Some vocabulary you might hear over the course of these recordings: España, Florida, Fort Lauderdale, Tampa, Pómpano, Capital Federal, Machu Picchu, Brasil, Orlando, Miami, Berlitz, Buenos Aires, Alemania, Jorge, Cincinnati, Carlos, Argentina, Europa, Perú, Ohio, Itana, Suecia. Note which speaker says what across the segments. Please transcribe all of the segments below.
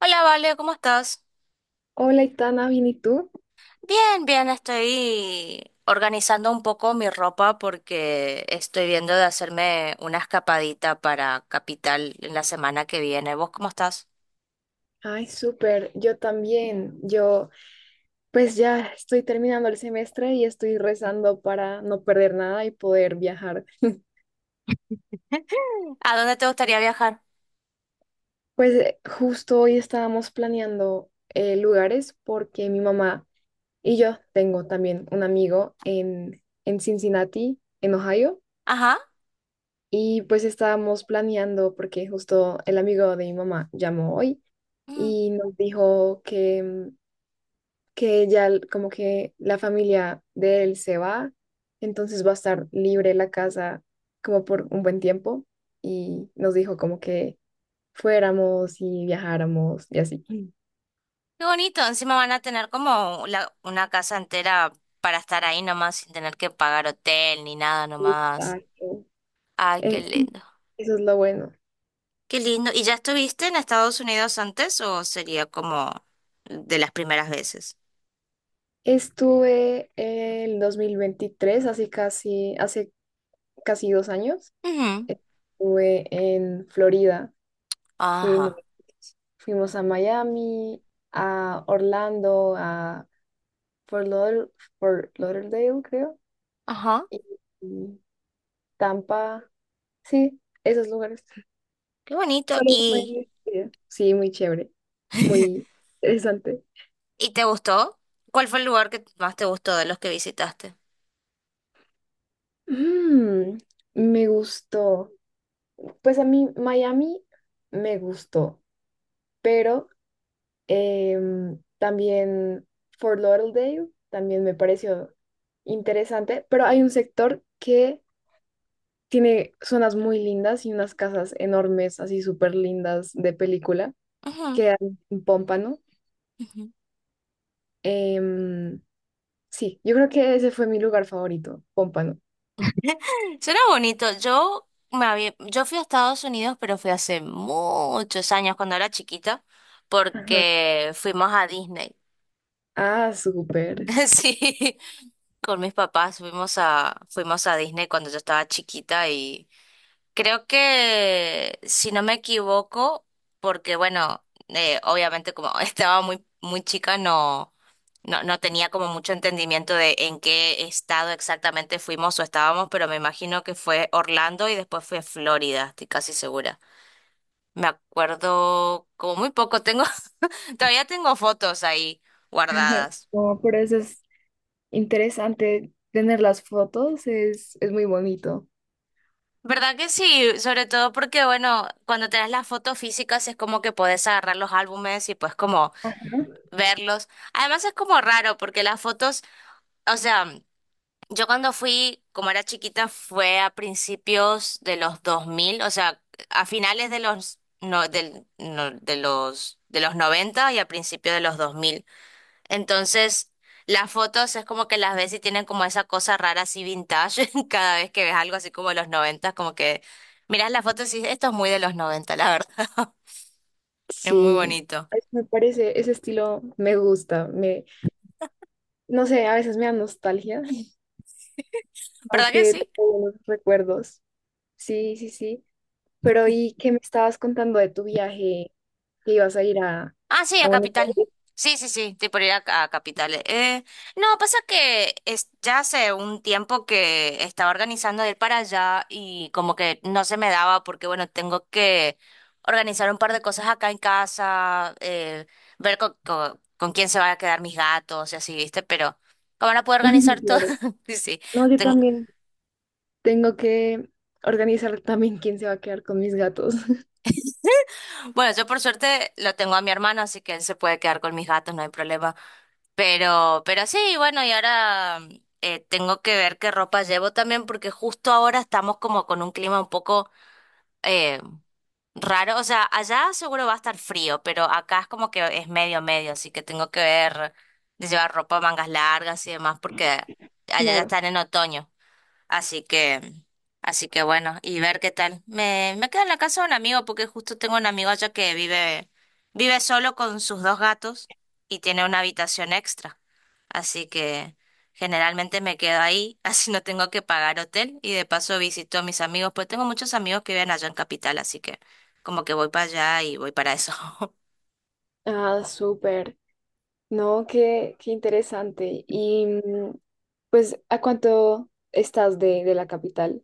Speaker 1: Hola, Vale, ¿cómo estás?
Speaker 2: Hola, Itana, ¿bien y tú?
Speaker 1: Bien, bien, estoy organizando un poco mi ropa porque estoy viendo de hacerme una escapadita para Capital en la semana que viene. ¿Vos cómo estás?
Speaker 2: Ay, súper, yo también. Yo, pues ya estoy terminando el semestre y estoy rezando para no perder nada y poder viajar.
Speaker 1: ¿A dónde te gustaría viajar?
Speaker 2: Pues justo hoy estábamos planeando lugares porque mi mamá y yo tengo también un amigo en Cincinnati, en Ohio,
Speaker 1: Ajá.
Speaker 2: y pues estábamos planeando porque justo el amigo de mi mamá llamó hoy
Speaker 1: Mm,
Speaker 2: y nos dijo que que como que la familia de él se va, entonces va a estar libre la casa como por un buen tiempo y nos dijo como que fuéramos y viajáramos y así.
Speaker 1: qué bonito. Encima van a tener como una casa entera para estar ahí nomás sin tener que pagar hotel ni nada nomás.
Speaker 2: Exacto.
Speaker 1: Ay, qué
Speaker 2: Sí,
Speaker 1: lindo.
Speaker 2: eso es lo bueno.
Speaker 1: Qué lindo. ¿Y ya estuviste en Estados Unidos antes o sería como de las primeras veces?
Speaker 2: Estuve el 2023 así casi, hace casi 2 años, estuve en Florida. Fuimos,
Speaker 1: Ajá,
Speaker 2: fuimos a Miami, a Orlando, a Fort Lauder- Fort Lauderdale, creo,
Speaker 1: ajá,
Speaker 2: y, y Tampa, sí, esos lugares.
Speaker 1: qué bonito.
Speaker 2: Solo fue- Sí, muy chévere, muy interesante.
Speaker 1: ¿Y te gustó? ¿Cuál fue el lugar que más te gustó de los que visitaste?
Speaker 2: Mm, Me gustó. Pues a mí Miami me gustó, pero también Fort Lauderdale también me pareció interesante, pero hay un sector que tiene zonas muy lindas y unas casas enormes, así súper lindas de película.
Speaker 1: Ujú,
Speaker 2: Quedan en Pómpano.
Speaker 1: ujú.
Speaker 2: Em, sí, yo creo que ese fue mi lugar favorito, Pómpano.
Speaker 1: Suena bonito. Yo fui a Estados Unidos, pero fui hace muchos años cuando era chiquita,
Speaker 2: Ajá.
Speaker 1: porque fuimos a Disney.
Speaker 2: Ah, súper.
Speaker 1: Sí, con mis papás fuimos a Disney cuando yo estaba chiquita. Creo que, si no me equivoco, porque bueno, obviamente como estaba muy, muy chica, no, no, no tenía como mucho entendimiento de en qué estado exactamente fuimos o estábamos, pero me imagino que fue Orlando y después fue Florida, estoy casi segura. Me acuerdo como muy poco, todavía tengo fotos ahí guardadas.
Speaker 2: No, pero eso es interesante. Tener las fotos es muy bonito.
Speaker 1: ¿Verdad que sí? Sobre todo porque, bueno, cuando tenés las fotos físicas es como que podés agarrar los álbumes y pues como
Speaker 2: Ajá.
Speaker 1: verlos. Además es como raro porque las fotos, o sea, yo cuando fui, como era chiquita, fue a principios de los 2000, o sea, a finales de los no, del, no- de los 90 y a principios de los 2000. Entonces, las fotos es como que las ves y tienen como esa cosa rara así vintage cada vez que ves algo así como de los 90 como que miras las fotos y dices, esto es muy de los 90, la verdad. Es muy
Speaker 2: Sí,
Speaker 1: bonito.
Speaker 2: ay, me parece, ese estilo me gusta, no sé, a veces me da nostalgia, como
Speaker 1: ¿Verdad que
Speaker 2: que
Speaker 1: sí?
Speaker 2: tengo buenos recuerdos. Sí, sí, sí. Pero ¿y qué me estabas contando de tu viaje que ibas a ir a,
Speaker 1: Ah, sí,
Speaker 2: a
Speaker 1: a
Speaker 2: Buenos
Speaker 1: Capital.
Speaker 2: Aires?
Speaker 1: Sí, sí, sí, estoy por ir a Capital. No, pasa que es, ya hace un tiempo que estaba organizando de ir para allá y como que no se me daba porque, bueno, tengo que organizar un par de cosas acá en casa, ver con quién se van a quedar mis gatos y así, ¿viste? Pero, ¿cómo van puedo organizar todo?
Speaker 2: Claro.
Speaker 1: Sí, sí.
Speaker 2: No, yo
Speaker 1: Ten-
Speaker 2: también tengo que organizar también quién se va a quedar con mis gatos.
Speaker 1: bueno, yo por suerte lo tengo a mi hermano, así que él se puede quedar con mis gatos, no hay problema. Pero sí, bueno, y ahora tengo que ver qué ropa llevo también, porque justo ahora estamos como con un clima un poco eh, raro. O sea, allá seguro va a estar frío, pero acá es como que es medio medio, así que tengo que ver de llevar ropa, mangas largas y demás, porque allá ya
Speaker 2: Claro.
Speaker 1: están en otoño. Así que, así que bueno, y ver qué tal. Me quedo en la casa de un amigo porque justo tengo un amigo allá que vive solo con sus dos gatos y tiene una habitación extra. Así que generalmente me quedo ahí, así no tengo que pagar hotel y de paso visito a mis amigos, pues tengo muchos amigos que viven allá en Capital, así que como que voy para allá y voy para eso.
Speaker 2: Ah, súper. No, qué interesante. Y pues, ¿a cuánto estás de la capital?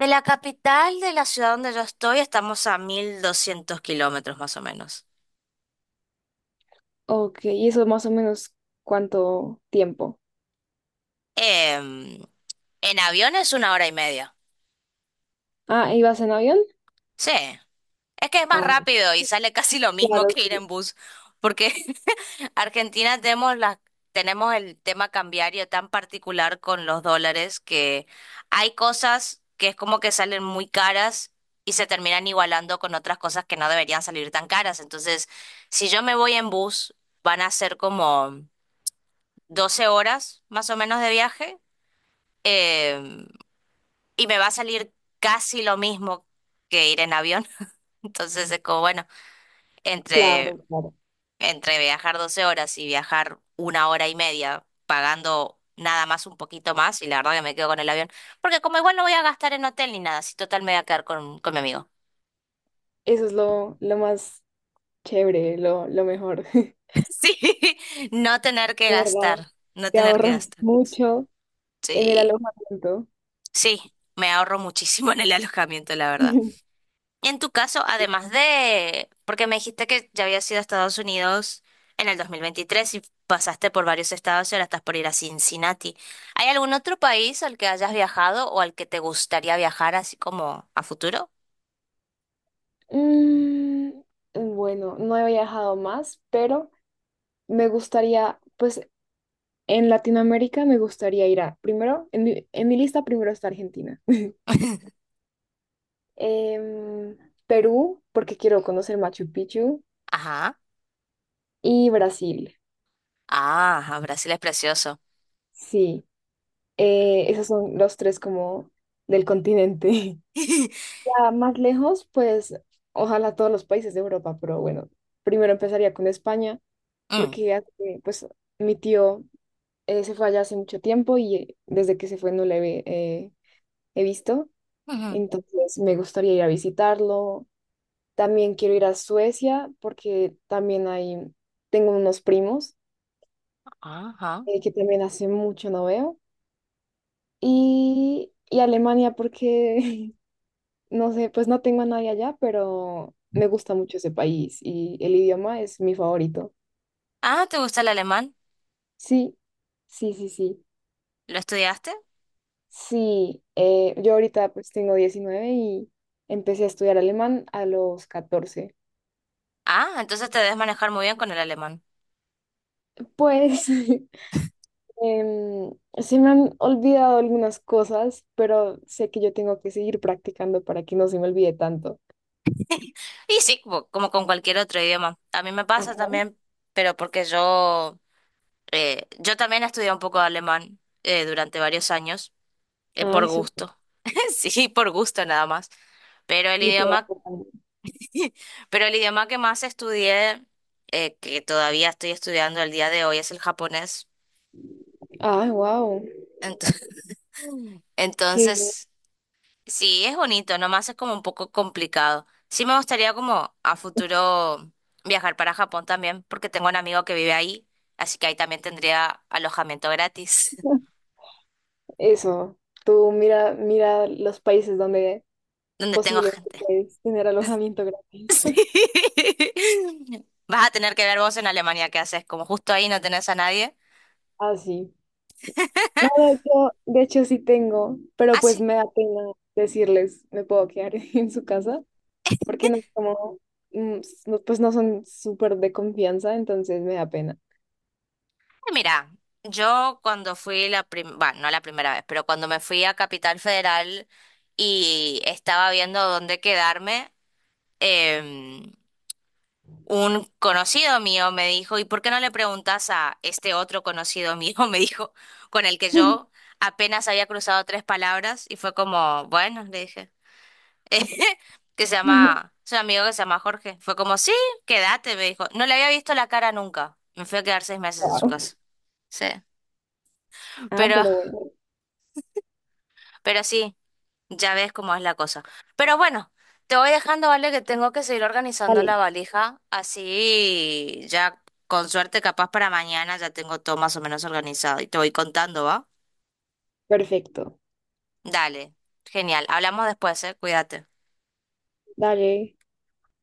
Speaker 1: De la capital de la ciudad donde yo estoy estamos a 1.200 kilómetros más o menos.
Speaker 2: Ok, ¿y eso más o menos cuánto tiempo?
Speaker 1: En avión es una hora y media.
Speaker 2: Ah, ¿ibas en avión?
Speaker 1: Sí, es que es más
Speaker 2: Ah,
Speaker 1: rápido y sale casi lo mismo
Speaker 2: claro,
Speaker 1: que ir
Speaker 2: sí,
Speaker 1: en bus, porque Argentina tenemos el tema cambiario tan particular con los dólares que hay cosas que es como que salen muy caras y se terminan igualando con otras cosas que no deberían salir tan caras. Entonces, si yo me voy en bus, van a ser como 12 horas más o menos de viaje, em, y me va a salir casi lo mismo que ir en avión. Entonces es como, bueno, entre,
Speaker 2: claro, claro.
Speaker 1: entre viajar 12 horas y viajar una hora y media pagando nada más un poquito más, y la verdad que me quedo con el avión, porque como igual no voy a gastar en hotel ni nada, si total me voy a quedar con mi amigo.
Speaker 2: Eso es lo más chévere, lo mejor. De
Speaker 1: Sí, no tener que
Speaker 2: verdad,
Speaker 1: gastar, no
Speaker 2: te
Speaker 1: tener que
Speaker 2: ahorras
Speaker 1: gastar.
Speaker 2: mucho en el
Speaker 1: Sí,
Speaker 2: alojamiento.
Speaker 1: sí, me ahorro muchísimo en el alojamiento, la verdad. En tu caso, porque me dijiste que ya habías ido a Estados Unidos en el 2023 y pasaste por varios estados y ahora estás por ir a Cincinnati, ¿hay algún otro país al que hayas viajado o al que te gustaría viajar así como a futuro?
Speaker 2: Mm, bueno, no he viajado más, pero me gustaría, pues en Latinoamérica me gustaría ir a, primero, en mi lista primero está Argentina. Em, Perú, porque quiero conocer Machu Picchu,
Speaker 1: Ajá.
Speaker 2: y Brasil.
Speaker 1: Ah, Brasil es precioso.
Speaker 2: Sí, esos son los tres como del continente. Ya más lejos, pues ojalá todos los países de Europa, pero bueno, primero empezaría con España,
Speaker 1: Mm.
Speaker 2: porque pues mi tío, se fue allá hace mucho tiempo y, desde que se fue no le eh, he visto.
Speaker 1: Ujú.
Speaker 2: Entonces me gustaría ir a visitarlo. También quiero ir a Suecia porque también tengo unos primos,
Speaker 1: Ajá.
Speaker 2: que también hace mucho no veo. Y Alemania porque, no sé, pues no tengo a nadie allá, pero me gusta mucho ese país y el idioma es mi favorito.
Speaker 1: Ah, ¿te gusta el alemán?
Speaker 2: Sí, sí, sí, sí.
Speaker 1: ¿Lo estudiaste?
Speaker 2: Sí, yo ahorita pues tengo 19 y empecé a estudiar alemán a los 14.
Speaker 1: Ah, entonces te debes manejar muy bien con el alemán.
Speaker 2: Pues em, se me han olvidado algunas cosas, pero sé que yo tengo que seguir practicando para que no se me olvide tanto.
Speaker 1: Y sí, como con cualquier otro idioma. A mí me pasa
Speaker 2: Ajá.
Speaker 1: también, pero porque yo también estudié un poco de alemán durante varios años, por
Speaker 2: Ay, supo.
Speaker 1: gusto. Sí, por gusto nada más. Pero el
Speaker 2: Literal.
Speaker 1: idioma, pero el idioma que más estudié, que todavía estoy estudiando al día de hoy, es el japonés.
Speaker 2: Ah, wow.
Speaker 1: Ento-
Speaker 2: Qué bien.
Speaker 1: Entonces, sí, es bonito, nomás es como un poco complicado. Sí me gustaría como a futuro viajar para Japón también, porque tengo un amigo que vive ahí, así que ahí también tendría alojamiento gratis,
Speaker 2: Eso. Tú mira, mira los países donde
Speaker 1: donde tengo
Speaker 2: posiblemente
Speaker 1: gente.
Speaker 2: puedes tener alojamiento gratis.
Speaker 1: Sí. Vas a tener que ver vos en Alemania qué haces, como justo ahí no tenés a nadie.
Speaker 2: Ah, sí. No, de hecho sí tengo, pero
Speaker 1: Ah,
Speaker 2: pues
Speaker 1: sí.
Speaker 2: me da pena decirles, me puedo quedar en su casa, porque no como, no, pues no son súper de confianza, entonces me da pena.
Speaker 1: Mira, yo cuando fui la primera, bueno, no la primera vez, pero cuando me fui a Capital Federal y estaba viendo dónde quedarme, em, un conocido mío me dijo, ¿y por qué no le preguntas a este otro conocido mío? Me dijo, con el que yo apenas había cruzado tres palabras y fue como, bueno, le dije. Es un amigo que se llama Jorge. Fue como, sí, quédate, me dijo. No le había visto la cara nunca. Me fui a quedar 6 meses en su
Speaker 2: Wow.
Speaker 1: casa. Sí.
Speaker 2: Ah, pero
Speaker 1: Pero,
Speaker 2: bueno,
Speaker 1: pero sí, ya ves cómo es la cosa. Pero bueno, te voy dejando, ¿vale? Que tengo que seguir organizando
Speaker 2: vale.
Speaker 1: la valija. Así ya, con suerte, capaz para mañana ya tengo todo más o menos organizado. Y te voy contando, ¿va?
Speaker 2: Perfecto.
Speaker 1: Dale. Genial. Hablamos después, ¿eh? Cuídate.
Speaker 2: Dale.